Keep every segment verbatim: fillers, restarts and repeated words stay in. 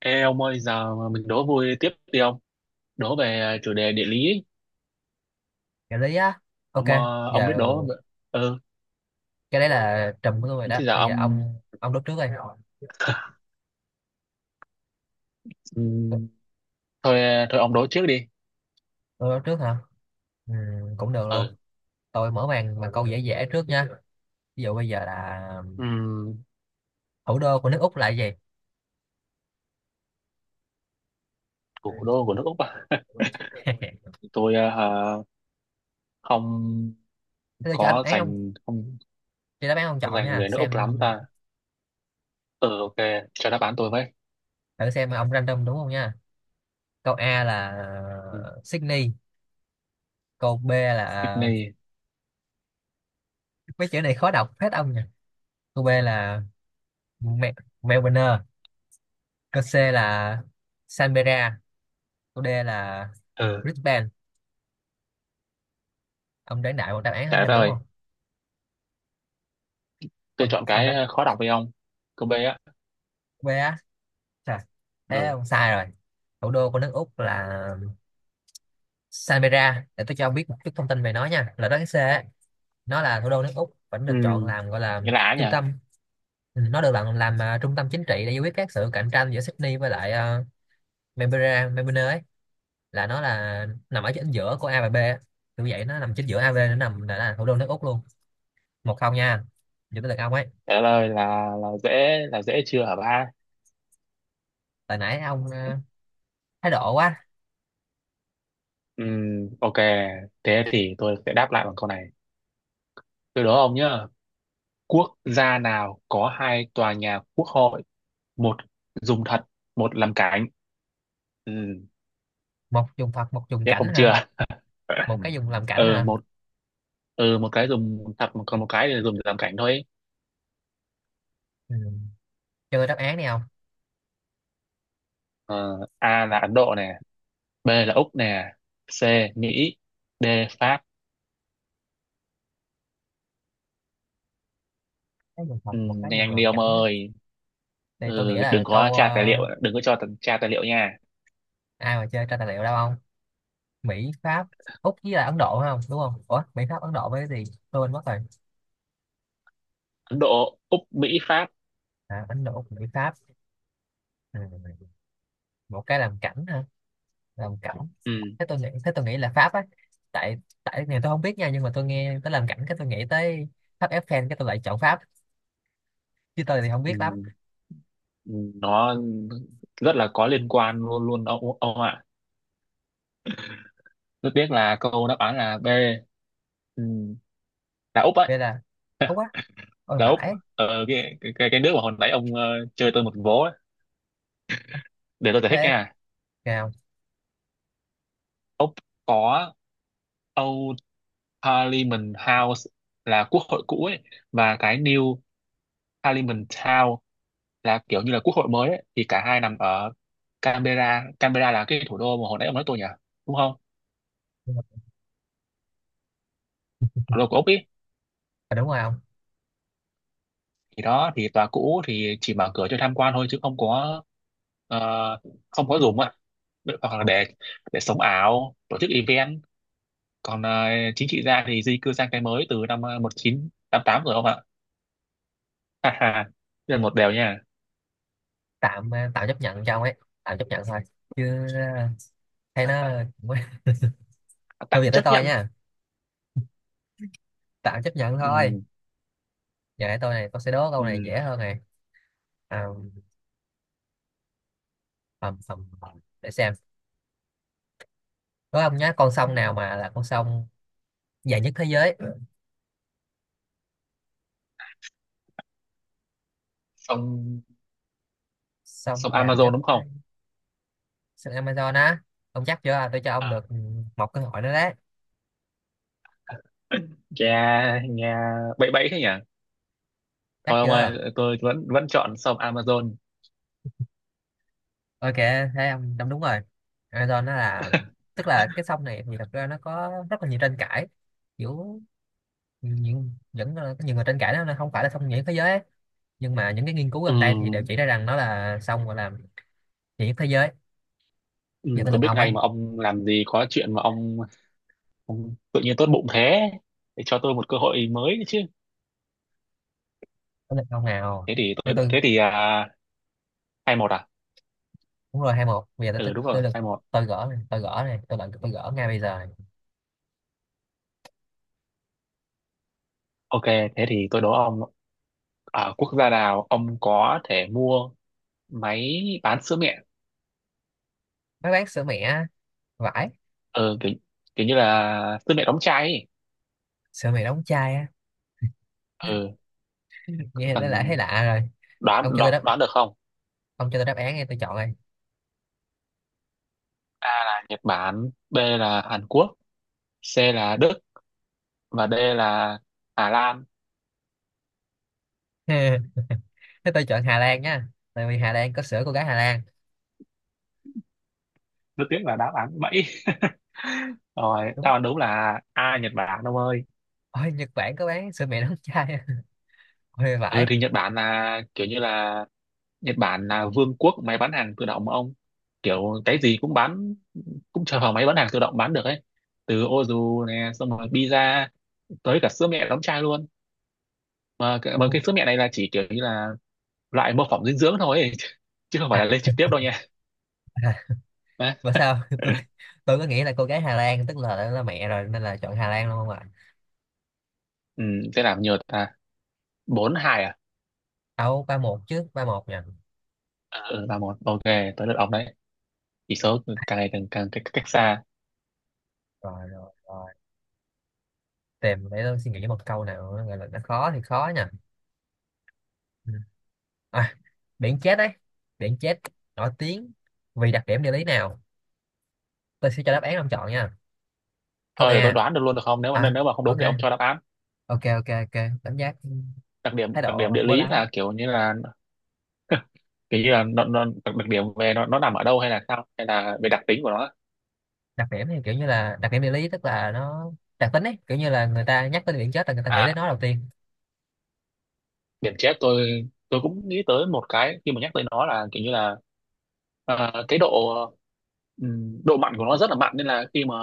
Ê ông ơi, giờ mà mình đố vui tiếp đi ông. Đố về chủ đề địa lý ấy. Trợ lý á. Ok, Ông ờ, ông biết giờ đố mà. Ừ, cái đấy là trùm của tôi rồi đó. thế giờ Bây giờ ông. ông ông đốt trước đây. tôi Ừm, thôi thôi ông đố trước đi. tôi đốt trước hả? Ừ, cũng được luôn. Ừ. Tôi mở màn bằng câu dễ dễ trước nha. Ví dụ bây giờ là Ừm, thủ đô của nước Úc là cái gì? Thủ đô của nước Úc à? Tôi ờ, hả, không Thế tôi cho đáp có án ông dành không cho đáp án ông có chọn dành nha, về nước Úc xem. lắm ta. Ừ, ok, cho đáp án tôi với. Thử xem ông random đúng không nha. Câu A là Ừ, Sydney. Câu B là, Sydney. mấy chữ này khó đọc hết ông nha, câu B là Mel- Melbourne. Câu C là Canberra. Câu D là Ừ, Brisbane. Ông đoán đại một đáp án trời thêm đất đúng ơi, không? tôi ông chọn ông cái đoán. ờ, khó đọc đi ông. Câu B á. B á. Trời, thế Ừ. ông sai rồi. Thủ đô của nước Úc là Canberra. Để tôi cho ông biết một chút thông tin về nó nha, là đó cái C á. Nó là thủ đô nước Úc, vẫn được chọn Ừm, làm gọi là Nghĩa là á nhỉ? trung tâm. Ừ, nó được làm làm à, trung tâm chính trị để giải quyết các sự cạnh tranh giữa Sydney với lại uh, Canberra Melbourne ấy. Là nó là nằm ở chính giữa của A và B á. Kiểu vậy, nó nằm chính giữa A và B, nó nằm là, là thủ đô nước Úc luôn. Một không nha. Giờ tới lượt ông ấy. Trời đất ơi là là dễ là dễ chưa hả ba? Tại nãy ông à, thái độ quá. Ừm, ok, thế thì tôi sẽ đáp lại bằng câu này. Từ đó ông nhá, quốc gia nào có hai tòa nhà quốc hội, một dùng thật, một làm cảnh. Ừm, Một dùng thật, một dùng Chết cảnh ông ha? chưa? Một cái dùng làm cảnh ừ, ha? một ừ, một cái dùng thật, còn một cái thì dùng để làm cảnh thôi. Ừ. Chơi đáp án đi không? Ờ, A là Ấn Độ nè, B là Úc nè, C Mỹ, D Pháp. Cái dùng thật, một Ừm, cái dùng Nhanh đi làm ông cảnh á. ơi. Thì tôi nghĩ Ừ, đừng là có câu, tra tài liệu, ờ, đừng có cho tra tài liệu nha. ai mà chơi tra tài liệu đâu không. Mỹ, Pháp, Úc với là Ấn Độ phải không, đúng không? Ủa, Mỹ, Pháp, Ấn Độ với cái gì tôi quên mất rồi. Ấn Độ, Úc, Mỹ, Pháp. À, Ấn Độ, Úc, Mỹ, Pháp. Ừ. Một cái làm cảnh ha? Làm cảnh. Ừm, Thế tôi nghĩ thế tôi nghĩ là Pháp á. Tại tại này tôi không biết nha, nhưng mà tôi nghe tới làm cảnh cái tôi nghĩ tới tháp Eiffel, cái tôi lại chọn Pháp. Chứ tôi thì không Ừ. biết lắm. Nó rất là có liên quan luôn luôn ông ông ạ. Tôi biết là câu đáp án là B, ừ, là Úc ấy, Vậy là. Úc á? Ôi là Úc vãi. ờ, cái, cái cái nước mà hồi nãy ông ờ, chơi tôi một vố ấy. Để tôi giải thích Thế nha. nào? Úc có Old Parliament House là quốc hội cũ ấy, và cái New Parliament Town là kiểu như là quốc hội mới ấy. Thì cả hai nằm ở Canberra. Canberra là cái thủ đô mà hồi nãy ông nói tôi nhỉ, đúng không? Nhưng. Thủ đô của Úc ý. À, đúng rồi ông. Thì đó thì tòa cũ thì chỉ mở cửa cho tham quan thôi, chứ không có ờ, không có dùng ạ, hoặc là Ông để để sống ảo tổ chức event. Còn ờ, chính trị gia thì di cư sang cái mới từ năm ờ, một chín tám tám rồi ông ạ. Ha ha. Đây là một điều nha. tạm ờ, tạm chấp nhận cho ông ấy. Tạm chấp nhận thôi. Chứ ờ, hay nó. Thôi Tạm giờ tới chấp tôi nhận. nha. Tạm chấp nhận thôi. Ừ, Giờ để tôi này, tôi sẽ đố câu này ừ. dễ hơn này. À, ầm, ầm, ầm. Để xem. Đố ông nhá, con sông nào mà là con sông dài nhất thế giới? sông Sông sông dài Amazon nhất đúng thế. không? Sông Amazon á? Ông chắc chưa? Tôi cho ông À, được một cơ hội nữa đấy. nghe nghe bậy bậy thế nhỉ. Chắc Thôi ông chưa? ơi, tôi vẫn vẫn chọn sông Amazon. Ok, thế ông đúng đúng rồi. Amazon nó là. Tức là cái sông này thì thật ra nó có rất là nhiều tranh cãi. Kiểu những những ờ, có nhiều người tranh cãi đó, nó là không phải là song nhiệt thế giới ấy. Nhưng mà những cái nghiên cứu Ừ, gần đây thì đều chỉ ra rằng nó là song gọi là nhiệt thế giới. ừ, Giờ tới tôi lượt biết ông ấy. ngay mà, ông làm gì có chuyện mà ông. Không, tự nhiên tốt bụng thế để cho tôi một cơ hội mới chứ. Tới lượt ông nào. Thế thì Thứ tôi đợi, tôi. thế thì à, hai một à? Đúng rồi hai một, bây giờ tới Ừ, tới đúng rồi, tới lượt. hai một. Tôi gỡ này, tôi gỡ này, tôi lận, tôi gỡ ngay bây giờ này. Ok, thế thì tôi đố ông, ở quốc gia nào ông có thể mua máy bán sữa mẹ. Mấy bán sữa mẹ, vải. Ừ, kiểu, kiểu như là sữa mẹ đóng chai ấy. Sữa mẹ đóng chai á? Ừ, cứ Nghe nó lại cần thấy lạ rồi. đoán, ông cho tôi đoán đáp đoán được không? ông cho tôi đáp án nghe, tôi chọn rồi. A là Nhật Bản, B là Hàn Quốc, C là Đức và D là Hà Lan. Thế tôi chọn Hà Lan nha, tại vì Hà Lan có sữa cô gái Hà Lan. Rất tiếc là đáp án bẫy. Rồi, Đúng. đáp án đúng là A, Nhật Bản ông ơi. Ôi Nhật Bản có bán sữa mẹ đóng chai? Ôi Ừ vải. thì Nhật Bản là kiểu như là Nhật Bản là vương quốc máy bán hàng tự động mà ông. Kiểu cái gì cũng bán, cũng chờ vào máy bán hàng tự động bán được ấy. Từ ô dù nè, xong rồi pizza, tới cả sữa mẹ đóng chai luôn. Mà, cái- mà cái sữa mẹ này là chỉ kiểu như là loại mô phỏng dinh dưỡng thôi ấy. Chứ không phải là lên trực tiếp đâu nha. À, Đấy. và sao tôi tôi có nghĩ là cô gái Hà Lan tức là là mẹ rồi nên là chọn Hà Lan luôn không ạ? Ừ, sẽ làm nhiều ta, bốn hai à? Đâu ba một chứ, ba một nha. Ờ, ừ, ba một, ok, tới lượt ông đấy. Chỉ số càng ngày càng càng cách, cách xa. Rồi, rồi, rồi. Tìm để tôi suy nghĩ một câu nào nó gọi là, nó khó thì khó nha. Ừ. À, biển chết đấy. Biển chết nổi tiếng vì đặc điểm địa lý nào? Tôi sẽ cho đáp án ông chọn nha. Câu Thôi để tôi A đoán được luôn được không, nếu mà à. nếu mà không đúng Ok, thì ông cho đáp án. ok, ok, ok. Cảm giác. đặc điểm Thái đặc điểm độ địa bố lý láo. là kiểu như là kiểu như là nó, nó đặc đặc điểm về nó nó nằm ở đâu, hay là sao, hay là về đặc tính của nó. Đặc điểm thì kiểu như là đặc điểm địa lý tức là nó. Đặc tính ấy, kiểu như là người ta nhắc tới biển chết là người ta nghĩ tới À, nó đầu tiên. điểm chết, tôi tôi cũng nghĩ tới một cái khi mà nhắc tới nó, là kiểu như là ờ, cái độ ừm, độ mặn của nó rất là mặn, nên là khi mà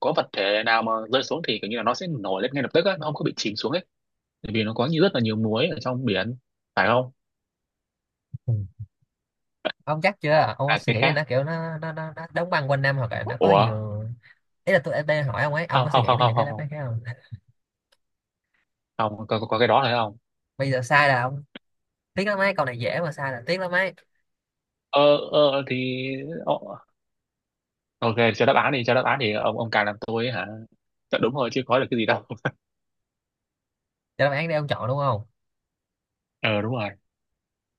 có vật thể nào mà rơi xuống thì kiểu như là nó sẽ nổi lên ngay lập tức á, nó không có bị chìm xuống ấy, bởi vì nó có như rất là nhiều muối ở trong biển, phải không? Ừ. Ông chắc chưa? Ông có À, suy cái nghĩ là khác. nó kiểu nó nó nó, nó đóng băng quanh năm, hoặc là nó có Ủa, nhiều. Ý là tôi em đang hỏi ông ấy, ông không có suy không nghĩ không đến không những cái không đáp không, án khác không? không có, có có cái đó phải không? Bây giờ sai là ông tiếc lắm ấy, câu này dễ mà sai là tiếc lắm ấy. ờ ờ thì ờ, ok, cho đáp án đi cho đáp án thì ông ông càng làm tôi ấy hả. Chắc đúng rồi chứ, có được cái gì đâu. Cho đáp án đi ông chọn đúng không? ờ Đúng rồi.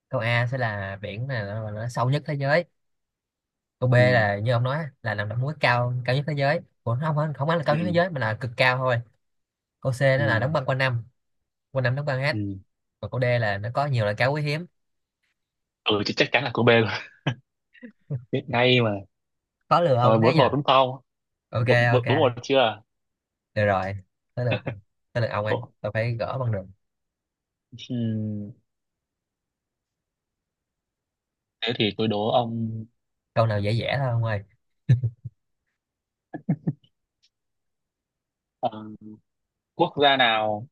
Câu A sẽ là biển này nó, nó sâu nhất thế giới. Câu B Ừ, là như ông nói là nằm đóng núi cao cao nhất thế giới. Ủa, không không không phải là cao nhất thế ừ, giới mà là cực cao thôi. Câu C nó ừ, là đóng băng quanh năm, quanh năm đóng băng hết. ừ, Còn câu D là nó có nhiều loại cá quý hiếm. ừ. Chứ chắc chắn là cô B rồi. Biết ngay mà. Khó lừa Rồi, ông thế bốn nhỉ? một đúng không? Ok. Bốn bốn- Ok, Bốn một chưa? được rồi. Tới lượt. Tới lượt ông ấy, Ồ, tôi phải gỡ bằng được. ừm, thế thì tôi đố ông Câu nào dễ dễ thôi ông ơi. ờ, quốc gia nào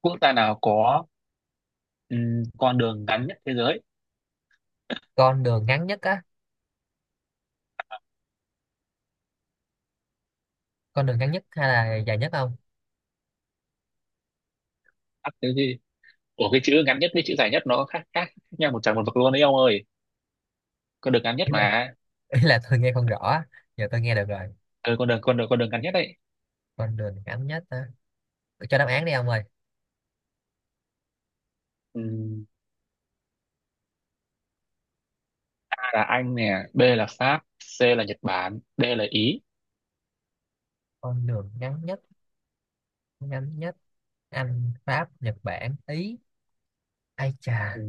quốc gia nào có ừm, con đường ngắn nhất thế giới. Con đường ngắn nhất á? Con đường ngắn nhất hay là dài nhất không? À, cái gì? Ủa, cái chữ ngắn nhất với chữ dài nhất nó khác khác, khác nhau một trời một vực luôn đấy ông ơi. Con đường ngắn nhất ý là mà. ý là tôi nghe không rõ á. Giờ tôi nghe được rồi. Ừ, con đường con đường con đường ngắn nhất. Con đường ngắn nhất á? Tôi cho đáp án đi ông ơi. Đấy. A là Anh nè, B là Pháp, C là Nhật Bản, D là Ý. Con đường ngắn nhất, ngắn nhất. Anh, Pháp, Nhật Bản, Ý. Ai Ừ. chà.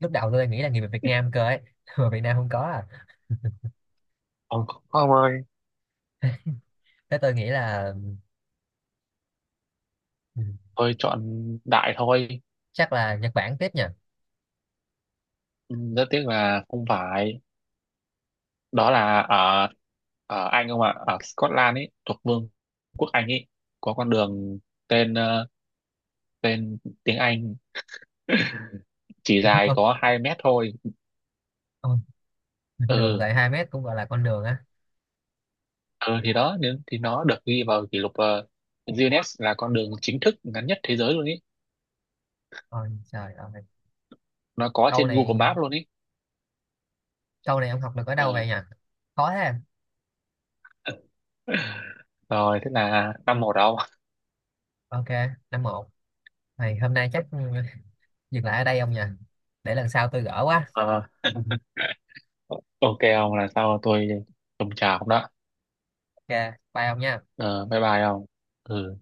Lúc đầu tôi nghĩ là người Việt Nam cơ ấy. Mà Việt Nam không có à? Ông Không ơi, Thế tôi nghĩ là, ừ, tôi chọn đại thôi. chắc là Nhật Bản tiếp nhỉ? Ừ, rất tiếc là không phải. Đó là ở ở Anh không ạ, ở Scotland ấy thuộc Vương quốc Anh ấy, có con đường tên ờ, tên tiếng Anh chỉ dài ông có hai mét thôi. ông đường Ừ, dài hai mét cũng gọi là con đường á? ừ thì đó, nên thì nó được ghi vào kỷ lục ờ, Guinness, là con đường chính thức ngắn nhất thế giới luôn ý. Ôi trời ơi. Nó có Câu trên Google này, Maps luôn ý. câu này ông học được ở đâu vậy nhỉ? Khó thế. Rồi, thế là năm một đâu. Ok, năm một. Này, hôm nay chắc dừng lại ở đây ông nhỉ? Để lần sau tôi gỡ quá. Ờ, ok ông là sao, tôi trồng trà không đó. Ok, bye ông nha. Ờ, bye bye ông. Ừ.